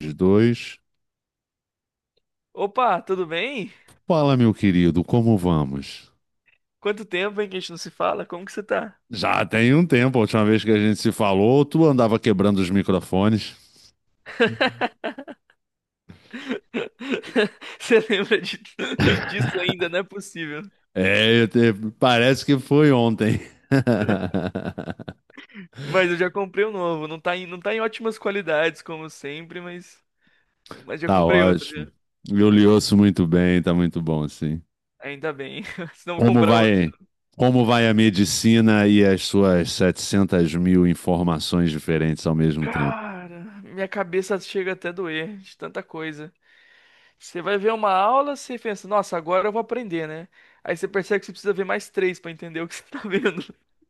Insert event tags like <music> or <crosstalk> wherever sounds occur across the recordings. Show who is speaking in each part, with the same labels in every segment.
Speaker 1: Os dois.
Speaker 2: Opa, tudo bem?
Speaker 1: Fala, meu querido, como vamos?
Speaker 2: Quanto tempo, hein, que a gente não se fala? Como que você tá?
Speaker 1: Já tem um tempo, a última vez que a gente se falou, tu andava quebrando os microfones.
Speaker 2: <laughs> Você lembra <laughs> disso ainda? Não é possível.
Speaker 1: É, eu te- Parece que foi ontem. <laughs>
Speaker 2: Mas eu já comprei um novo. Não tá em ótimas qualidades, como sempre, mas já
Speaker 1: Tá
Speaker 2: comprei outro
Speaker 1: ótimo.
Speaker 2: já.
Speaker 1: Eu lhe ouço muito bem, tá muito bom, sim.
Speaker 2: Ainda bem. <laughs> Senão eu vou
Speaker 1: Como
Speaker 2: comprar outro.
Speaker 1: vai, como vai a medicina e as suas 700 mil informações diferentes ao mesmo tempo?
Speaker 2: Cara, minha cabeça chega até a doer de tanta coisa. Você vai ver uma aula, você pensa, nossa, agora eu vou aprender, né? Aí você percebe que você precisa ver mais três pra entender o que <laughs> você tá vendo.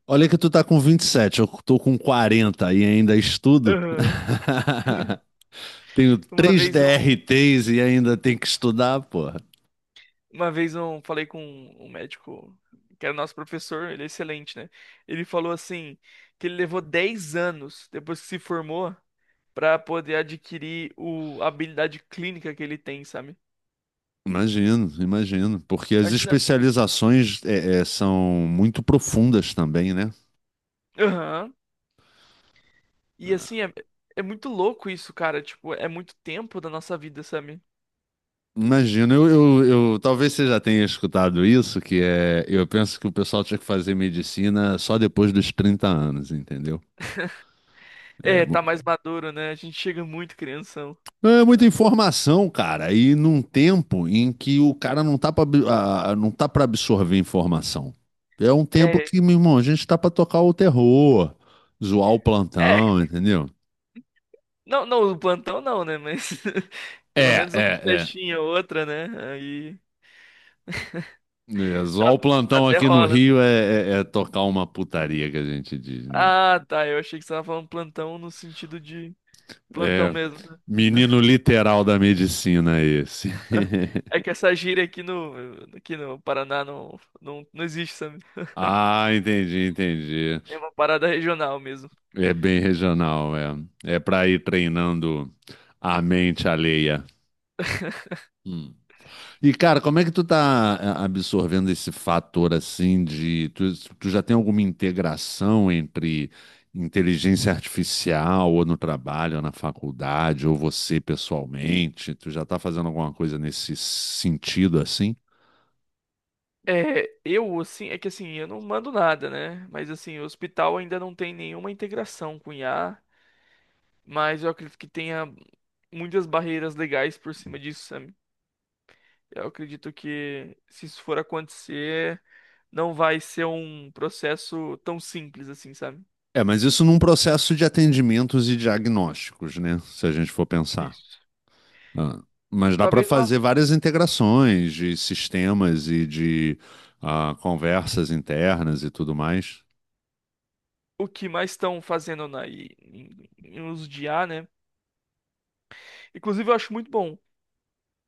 Speaker 1: Olha que tu tá com 27, eu tô com 40 e ainda estudo.
Speaker 2: Aham.
Speaker 1: <laughs> Tenho
Speaker 2: Uma
Speaker 1: três
Speaker 2: vez um.
Speaker 1: DRTs e ainda tem que estudar, porra.
Speaker 2: Uma vez eu falei com um médico, que era nosso professor, ele é excelente, né? Ele falou assim, que ele levou 10 anos depois que se formou pra poder adquirir a habilidade clínica que ele tem, sabe?
Speaker 1: Imagino, imagino. Porque as
Speaker 2: Imagina.
Speaker 1: especializações são muito profundas também, né?
Speaker 2: Aham. E assim, é muito louco isso, cara. Tipo, é muito tempo da nossa vida, sabe?
Speaker 1: Imagino, talvez você já tenha escutado isso, que é, eu penso que o pessoal tinha que fazer medicina só depois dos 30 anos, entendeu? É,
Speaker 2: É, tá mais maduro, né? A gente chega muito crianção.
Speaker 1: é muita
Speaker 2: Né?
Speaker 1: informação, cara, e num tempo em que o cara não tá pra, não tá para absorver informação. É um tempo
Speaker 2: É,
Speaker 1: que, meu irmão, a gente tá pra tocar o terror, zoar o plantão,
Speaker 2: é.
Speaker 1: entendeu?
Speaker 2: Não, não, o plantão não, né? Mas <laughs>
Speaker 1: É,
Speaker 2: pelo menos uma
Speaker 1: é, é.
Speaker 2: festinha ou outra, né? Aí.
Speaker 1: É, zoar
Speaker 2: Dá-
Speaker 1: o plantão
Speaker 2: Até
Speaker 1: aqui no
Speaker 2: rola.
Speaker 1: Rio é tocar uma putaria que a gente diz, né?
Speaker 2: Ah, tá. Eu achei que você tava falando plantão no sentido de plantão
Speaker 1: É,
Speaker 2: mesmo. Sabe?
Speaker 1: menino literal da medicina esse. <laughs>
Speaker 2: É que essa gíria aqui no Paraná não, não, não existe, sabe?
Speaker 1: Ah, entendi, entendi.
Speaker 2: É uma parada regional mesmo.
Speaker 1: É bem regional, é. É para ir treinando a mente alheia.
Speaker 2: <laughs>
Speaker 1: Hum. E, cara, como é que tu tá absorvendo esse fator assim de. Tu já tem alguma integração entre inteligência artificial, ou no trabalho, ou na faculdade, ou você pessoalmente? Tu já tá fazendo alguma coisa nesse sentido assim?
Speaker 2: É, eu, assim, é que assim, eu não mando nada, né? Mas assim, o hospital ainda não tem nenhuma integração com IA, mas eu acredito que tenha muitas barreiras legais por cima disso, sabe? Eu acredito que se isso for acontecer, não vai ser um processo tão simples assim, sabe?
Speaker 1: É, mas isso num processo de atendimentos e diagnósticos, né? Se a gente for pensar.
Speaker 2: Isso.
Speaker 1: Ah, mas dá para
Speaker 2: Talvez lá
Speaker 1: fazer várias integrações de sistemas e de conversas internas e tudo mais.
Speaker 2: o que mais estão fazendo na, em, em em uso de IA, né? Inclusive, eu acho muito bom.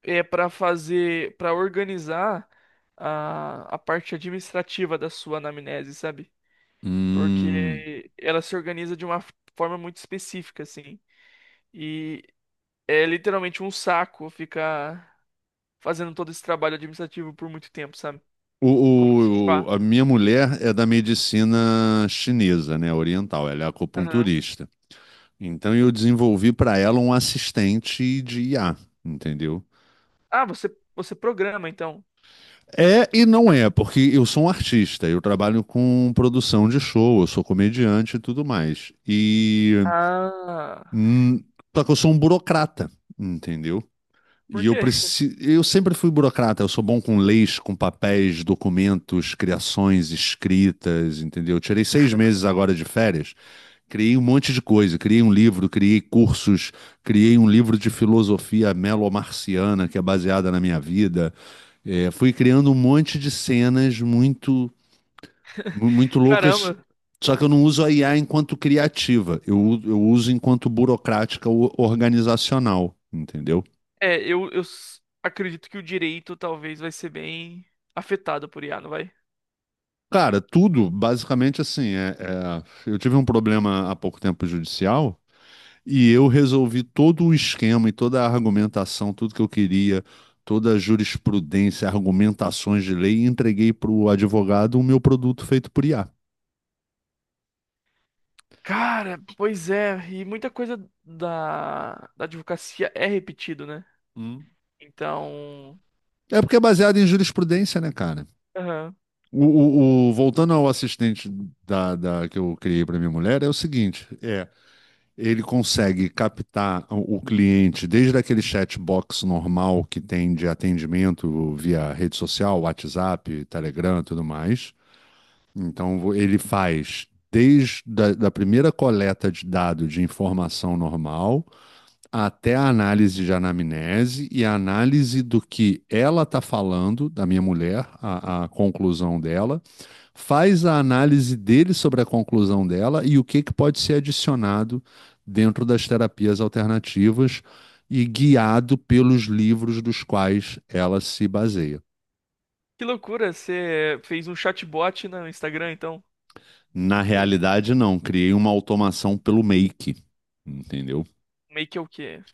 Speaker 2: É para organizar a parte administrativa da sua anamnese, sabe?
Speaker 1: Hum.
Speaker 2: Porque ela se organiza de uma forma muito específica, assim. E é literalmente um saco ficar fazendo todo esse trabalho administrativo por muito tempo, sabe?
Speaker 1: O,
Speaker 2: Como é que se
Speaker 1: o- o-
Speaker 2: fala?
Speaker 1: a minha mulher é da medicina chinesa, né, oriental, ela é
Speaker 2: Aham.
Speaker 1: acupunturista. Então eu desenvolvi para ela um assistente de IA, entendeu?
Speaker 2: Ah, você programa, então.
Speaker 1: É e não é, porque eu sou um artista, eu trabalho com produção de show, eu sou comediante e tudo mais. E
Speaker 2: Ah,
Speaker 1: hum, só que eu sou um burocrata, entendeu?
Speaker 2: por
Speaker 1: E eu
Speaker 2: quê?
Speaker 1: preciso, eu sempre fui burocrata, eu sou bom com leis, com papéis, documentos, criações, escritas, entendeu? Eu tirei 6 meses agora de férias, criei um monte de coisa, criei um livro, criei cursos, criei um livro de filosofia melomarciana que é baseada na minha vida, é, fui criando um monte de cenas muito,
Speaker 2: <laughs>
Speaker 1: muito loucas,
Speaker 2: Caramba.
Speaker 1: só que eu não uso a IA enquanto criativa, eu uso enquanto burocrática organizacional, entendeu?
Speaker 2: É, eu acredito que o direito talvez vai ser bem afetado por IA, não vai?
Speaker 1: Cara, tudo basicamente assim. Eu tive um problema há pouco tempo judicial e eu resolvi todo o esquema e toda a argumentação, tudo que eu queria, toda a jurisprudência, argumentações de lei, e entreguei para o advogado o meu produto feito por IA.
Speaker 2: Cara, pois é, e muita coisa da advocacia é repetido, né?
Speaker 1: Hum.
Speaker 2: Então,
Speaker 1: É porque é baseado em jurisprudência, né, cara?
Speaker 2: aham.
Speaker 1: Voltando ao assistente que eu criei para minha mulher, é o seguinte: é, ele consegue captar o cliente desde aquele chatbox normal que tem de atendimento via rede social, WhatsApp, Telegram, e tudo mais. Então ele faz desde da primeira coleta de dado de informação normal até a análise de anamnese e a análise do que ela está falando, da minha mulher, a conclusão dela, faz a análise dele sobre a conclusão dela e o que, que pode ser adicionado dentro das terapias alternativas e guiado pelos livros dos quais ela se baseia.
Speaker 2: Que loucura, você fez um chatbot no Instagram, então?
Speaker 1: Na
Speaker 2: É isso?
Speaker 1: realidade, não, criei uma automação pelo Make, entendeu?
Speaker 2: Meio que é o quê?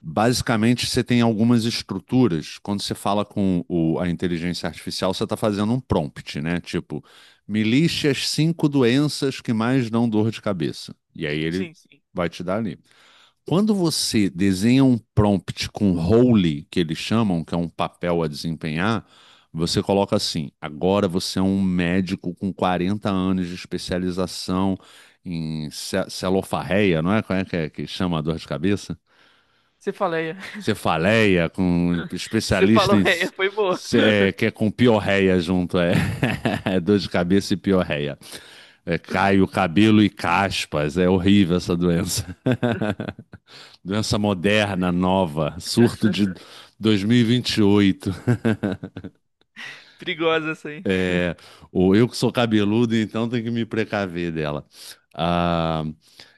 Speaker 1: Basicamente, você tem algumas estruturas. Quando você fala com a inteligência artificial, você está fazendo um prompt, né? Tipo, me liste as cinco doenças que mais dão dor de cabeça. E aí ele
Speaker 2: Sim, sim.
Speaker 1: vai te dar ali. Quando você desenha um prompt com role, que eles chamam, que é um papel a desempenhar, você coloca assim: agora você é um médico com 40 anos de especialização em celofarreia, não é? Como é que chama a dor de cabeça?
Speaker 2: Você faleia. <laughs>
Speaker 1: Cefaleia, com
Speaker 2: Você
Speaker 1: especialista
Speaker 2: falou,
Speaker 1: em
Speaker 2: é, foi boa.
Speaker 1: é, que é com piorreia junto, é. <laughs> Dor de cabeça e piorreia. É, cai o cabelo e caspas, é horrível essa doença. <laughs> Doença moderna, nova, surto de
Speaker 2: <laughs>
Speaker 1: 2028.
Speaker 2: Perigosa essa aí.
Speaker 1: É, o eu que sou cabeludo, então tenho que me precaver dela. Ah,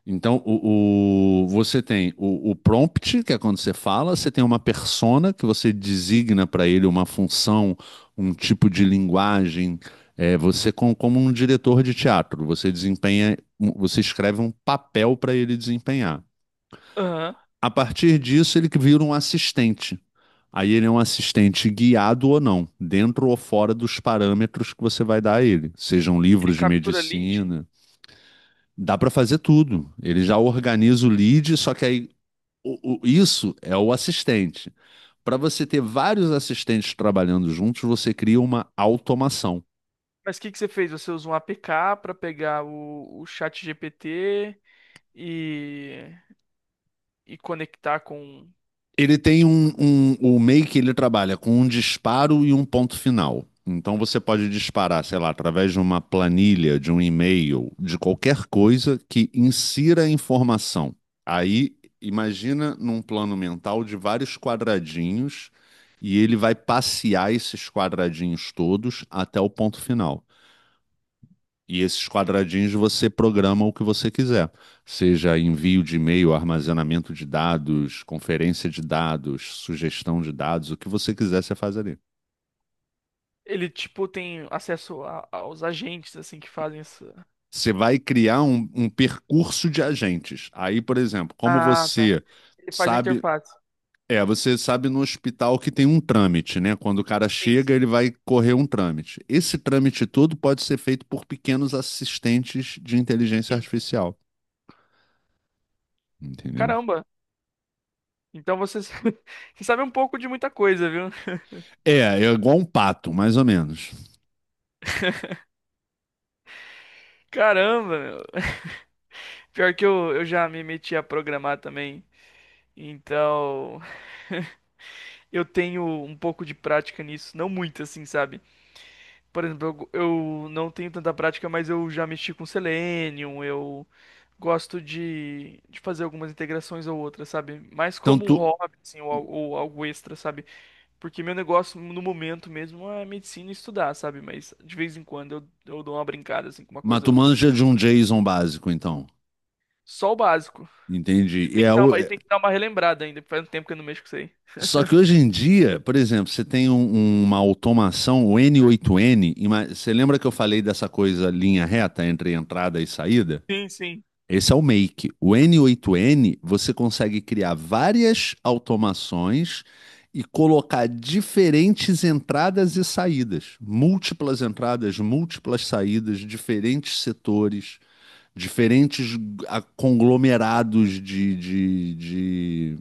Speaker 1: então, você tem o prompt, que é quando você fala, você tem uma persona que você designa para ele uma função, um tipo de linguagem. É, você, como um diretor de teatro, você desempenha, você escreve um papel para ele desempenhar.
Speaker 2: Aham.
Speaker 1: A partir disso, ele que vira um assistente. Aí ele é um assistente guiado ou não, dentro ou fora dos parâmetros que você vai dar a ele, sejam
Speaker 2: Ele
Speaker 1: livros de
Speaker 2: captura lead?
Speaker 1: medicina. Dá para fazer tudo. Ele já organiza o lead, só que aí isso é o assistente. Para você ter vários assistentes trabalhando juntos, você cria uma automação.
Speaker 2: Mas o que que você fez? Você usou um APK pra pegar o chat GPT? e, e conectar com.
Speaker 1: Ele tem o Make ele trabalha com um disparo e um ponto final. Então você pode disparar, sei lá, através de uma planilha, de um e-mail, de qualquer coisa que insira informação. Aí imagina num plano mental de vários quadradinhos e ele vai passear esses quadradinhos todos até o ponto final. E esses quadradinhos você programa o que você quiser, seja envio de e-mail, armazenamento de dados, conferência de dados, sugestão de dados, o que você quiser, você faz ali.
Speaker 2: Ele, tipo, tem acesso aos agentes, assim, que fazem isso.
Speaker 1: Você vai criar um percurso de agentes. Aí, por exemplo, como
Speaker 2: Ah, tá.
Speaker 1: você
Speaker 2: Ele faz a
Speaker 1: sabe,
Speaker 2: interface.
Speaker 1: é, você sabe no hospital que tem um trâmite, né? Quando o cara
Speaker 2: Sim,
Speaker 1: chega,
Speaker 2: sim,
Speaker 1: ele vai correr um trâmite. Esse trâmite todo pode ser feito por pequenos assistentes de inteligência
Speaker 2: sim, sim.
Speaker 1: artificial, entendeu?
Speaker 2: Caramba! Então você, <laughs> você sabe um pouco de muita coisa, viu?
Speaker 1: É, é igual um pato, mais ou menos.
Speaker 2: Caramba, meu. Pior que eu já me meti a programar também. Então, <laughs> eu tenho um pouco de prática nisso. Não muito, assim, sabe? Por exemplo, eu não tenho tanta prática, mas eu já mexi com Selenium, eu. Gosto de fazer algumas integrações ou outras, sabe? Mais
Speaker 1: Então,
Speaker 2: como um
Speaker 1: tu,
Speaker 2: hobby, assim, ou algo extra, sabe? Porque meu negócio no momento mesmo é medicina e estudar, sabe? Mas de vez em quando eu dou uma brincada, assim, com uma
Speaker 1: mas
Speaker 2: coisa
Speaker 1: tu
Speaker 2: ou outra.
Speaker 1: manja de um JSON básico, então.
Speaker 2: Só o básico. E
Speaker 1: Entendi. E
Speaker 2: tem
Speaker 1: é
Speaker 2: que dar uma, e tem que dar uma relembrada ainda, faz um tempo que eu não mexo com isso aí.
Speaker 1: só que hoje em dia, por exemplo, você tem uma automação, o N8N, você lembra que eu falei dessa coisa linha reta entre entrada e saída?
Speaker 2: Sim, sim.
Speaker 1: Esse é o Make. O N8N, você consegue criar várias automações e colocar diferentes entradas e saídas, múltiplas entradas, múltiplas saídas, diferentes setores. Diferentes conglomerados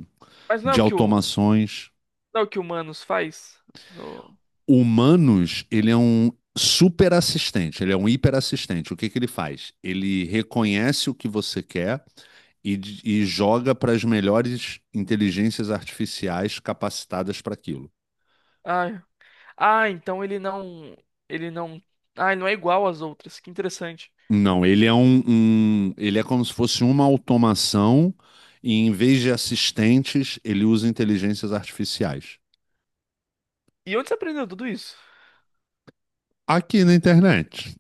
Speaker 2: Mas não é
Speaker 1: de
Speaker 2: o que o,
Speaker 1: automações.
Speaker 2: não é o que o Manos faz? No...
Speaker 1: O Humanos, ele é um super assistente, ele é um hiper assistente. O que que ele faz? Ele reconhece o que você quer e joga para as melhores inteligências artificiais capacitadas para aquilo.
Speaker 2: Ah, ah, então ele não. Ele não. Ah, ele não é igual às outras. Que interessante.
Speaker 1: Não, ele é ele é como se fosse uma automação e em vez de assistentes, ele usa inteligências artificiais.
Speaker 2: E onde você aprendeu tudo isso?
Speaker 1: Aqui na internet.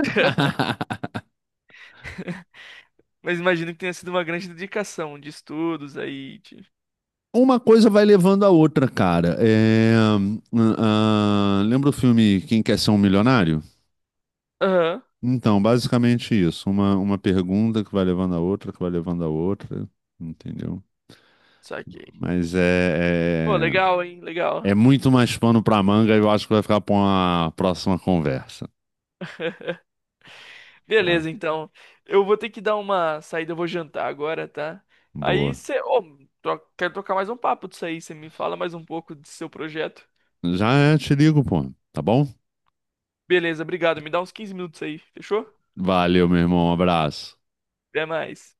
Speaker 2: <laughs>
Speaker 1: <laughs>
Speaker 2: Mas imagino que tenha sido uma grande dedicação de estudos aí.
Speaker 1: Uma coisa vai levando a outra, cara. É, lembra o filme Quem Quer Ser um Milionário?
Speaker 2: Aham,
Speaker 1: Então, basicamente isso. Uma pergunta que vai levando a outra, que vai levando a outra, entendeu?
Speaker 2: saquei.
Speaker 1: Mas
Speaker 2: Pô, legal, hein? Legal.
Speaker 1: é muito mais pano pra manga e eu acho que vai ficar pra uma próxima conversa, tá?
Speaker 2: Beleza, então. Eu vou ter que dar uma saída, eu vou jantar agora, tá? Aí
Speaker 1: Boa.
Speaker 2: você. Ô, quero trocar mais um papo disso aí. Você me fala mais um pouco do seu projeto.
Speaker 1: Já te ligo, pô. Tá bom?
Speaker 2: Beleza, obrigado. Me dá uns 15 minutos aí, fechou?
Speaker 1: Valeu, meu irmão. Um abraço.
Speaker 2: Até mais.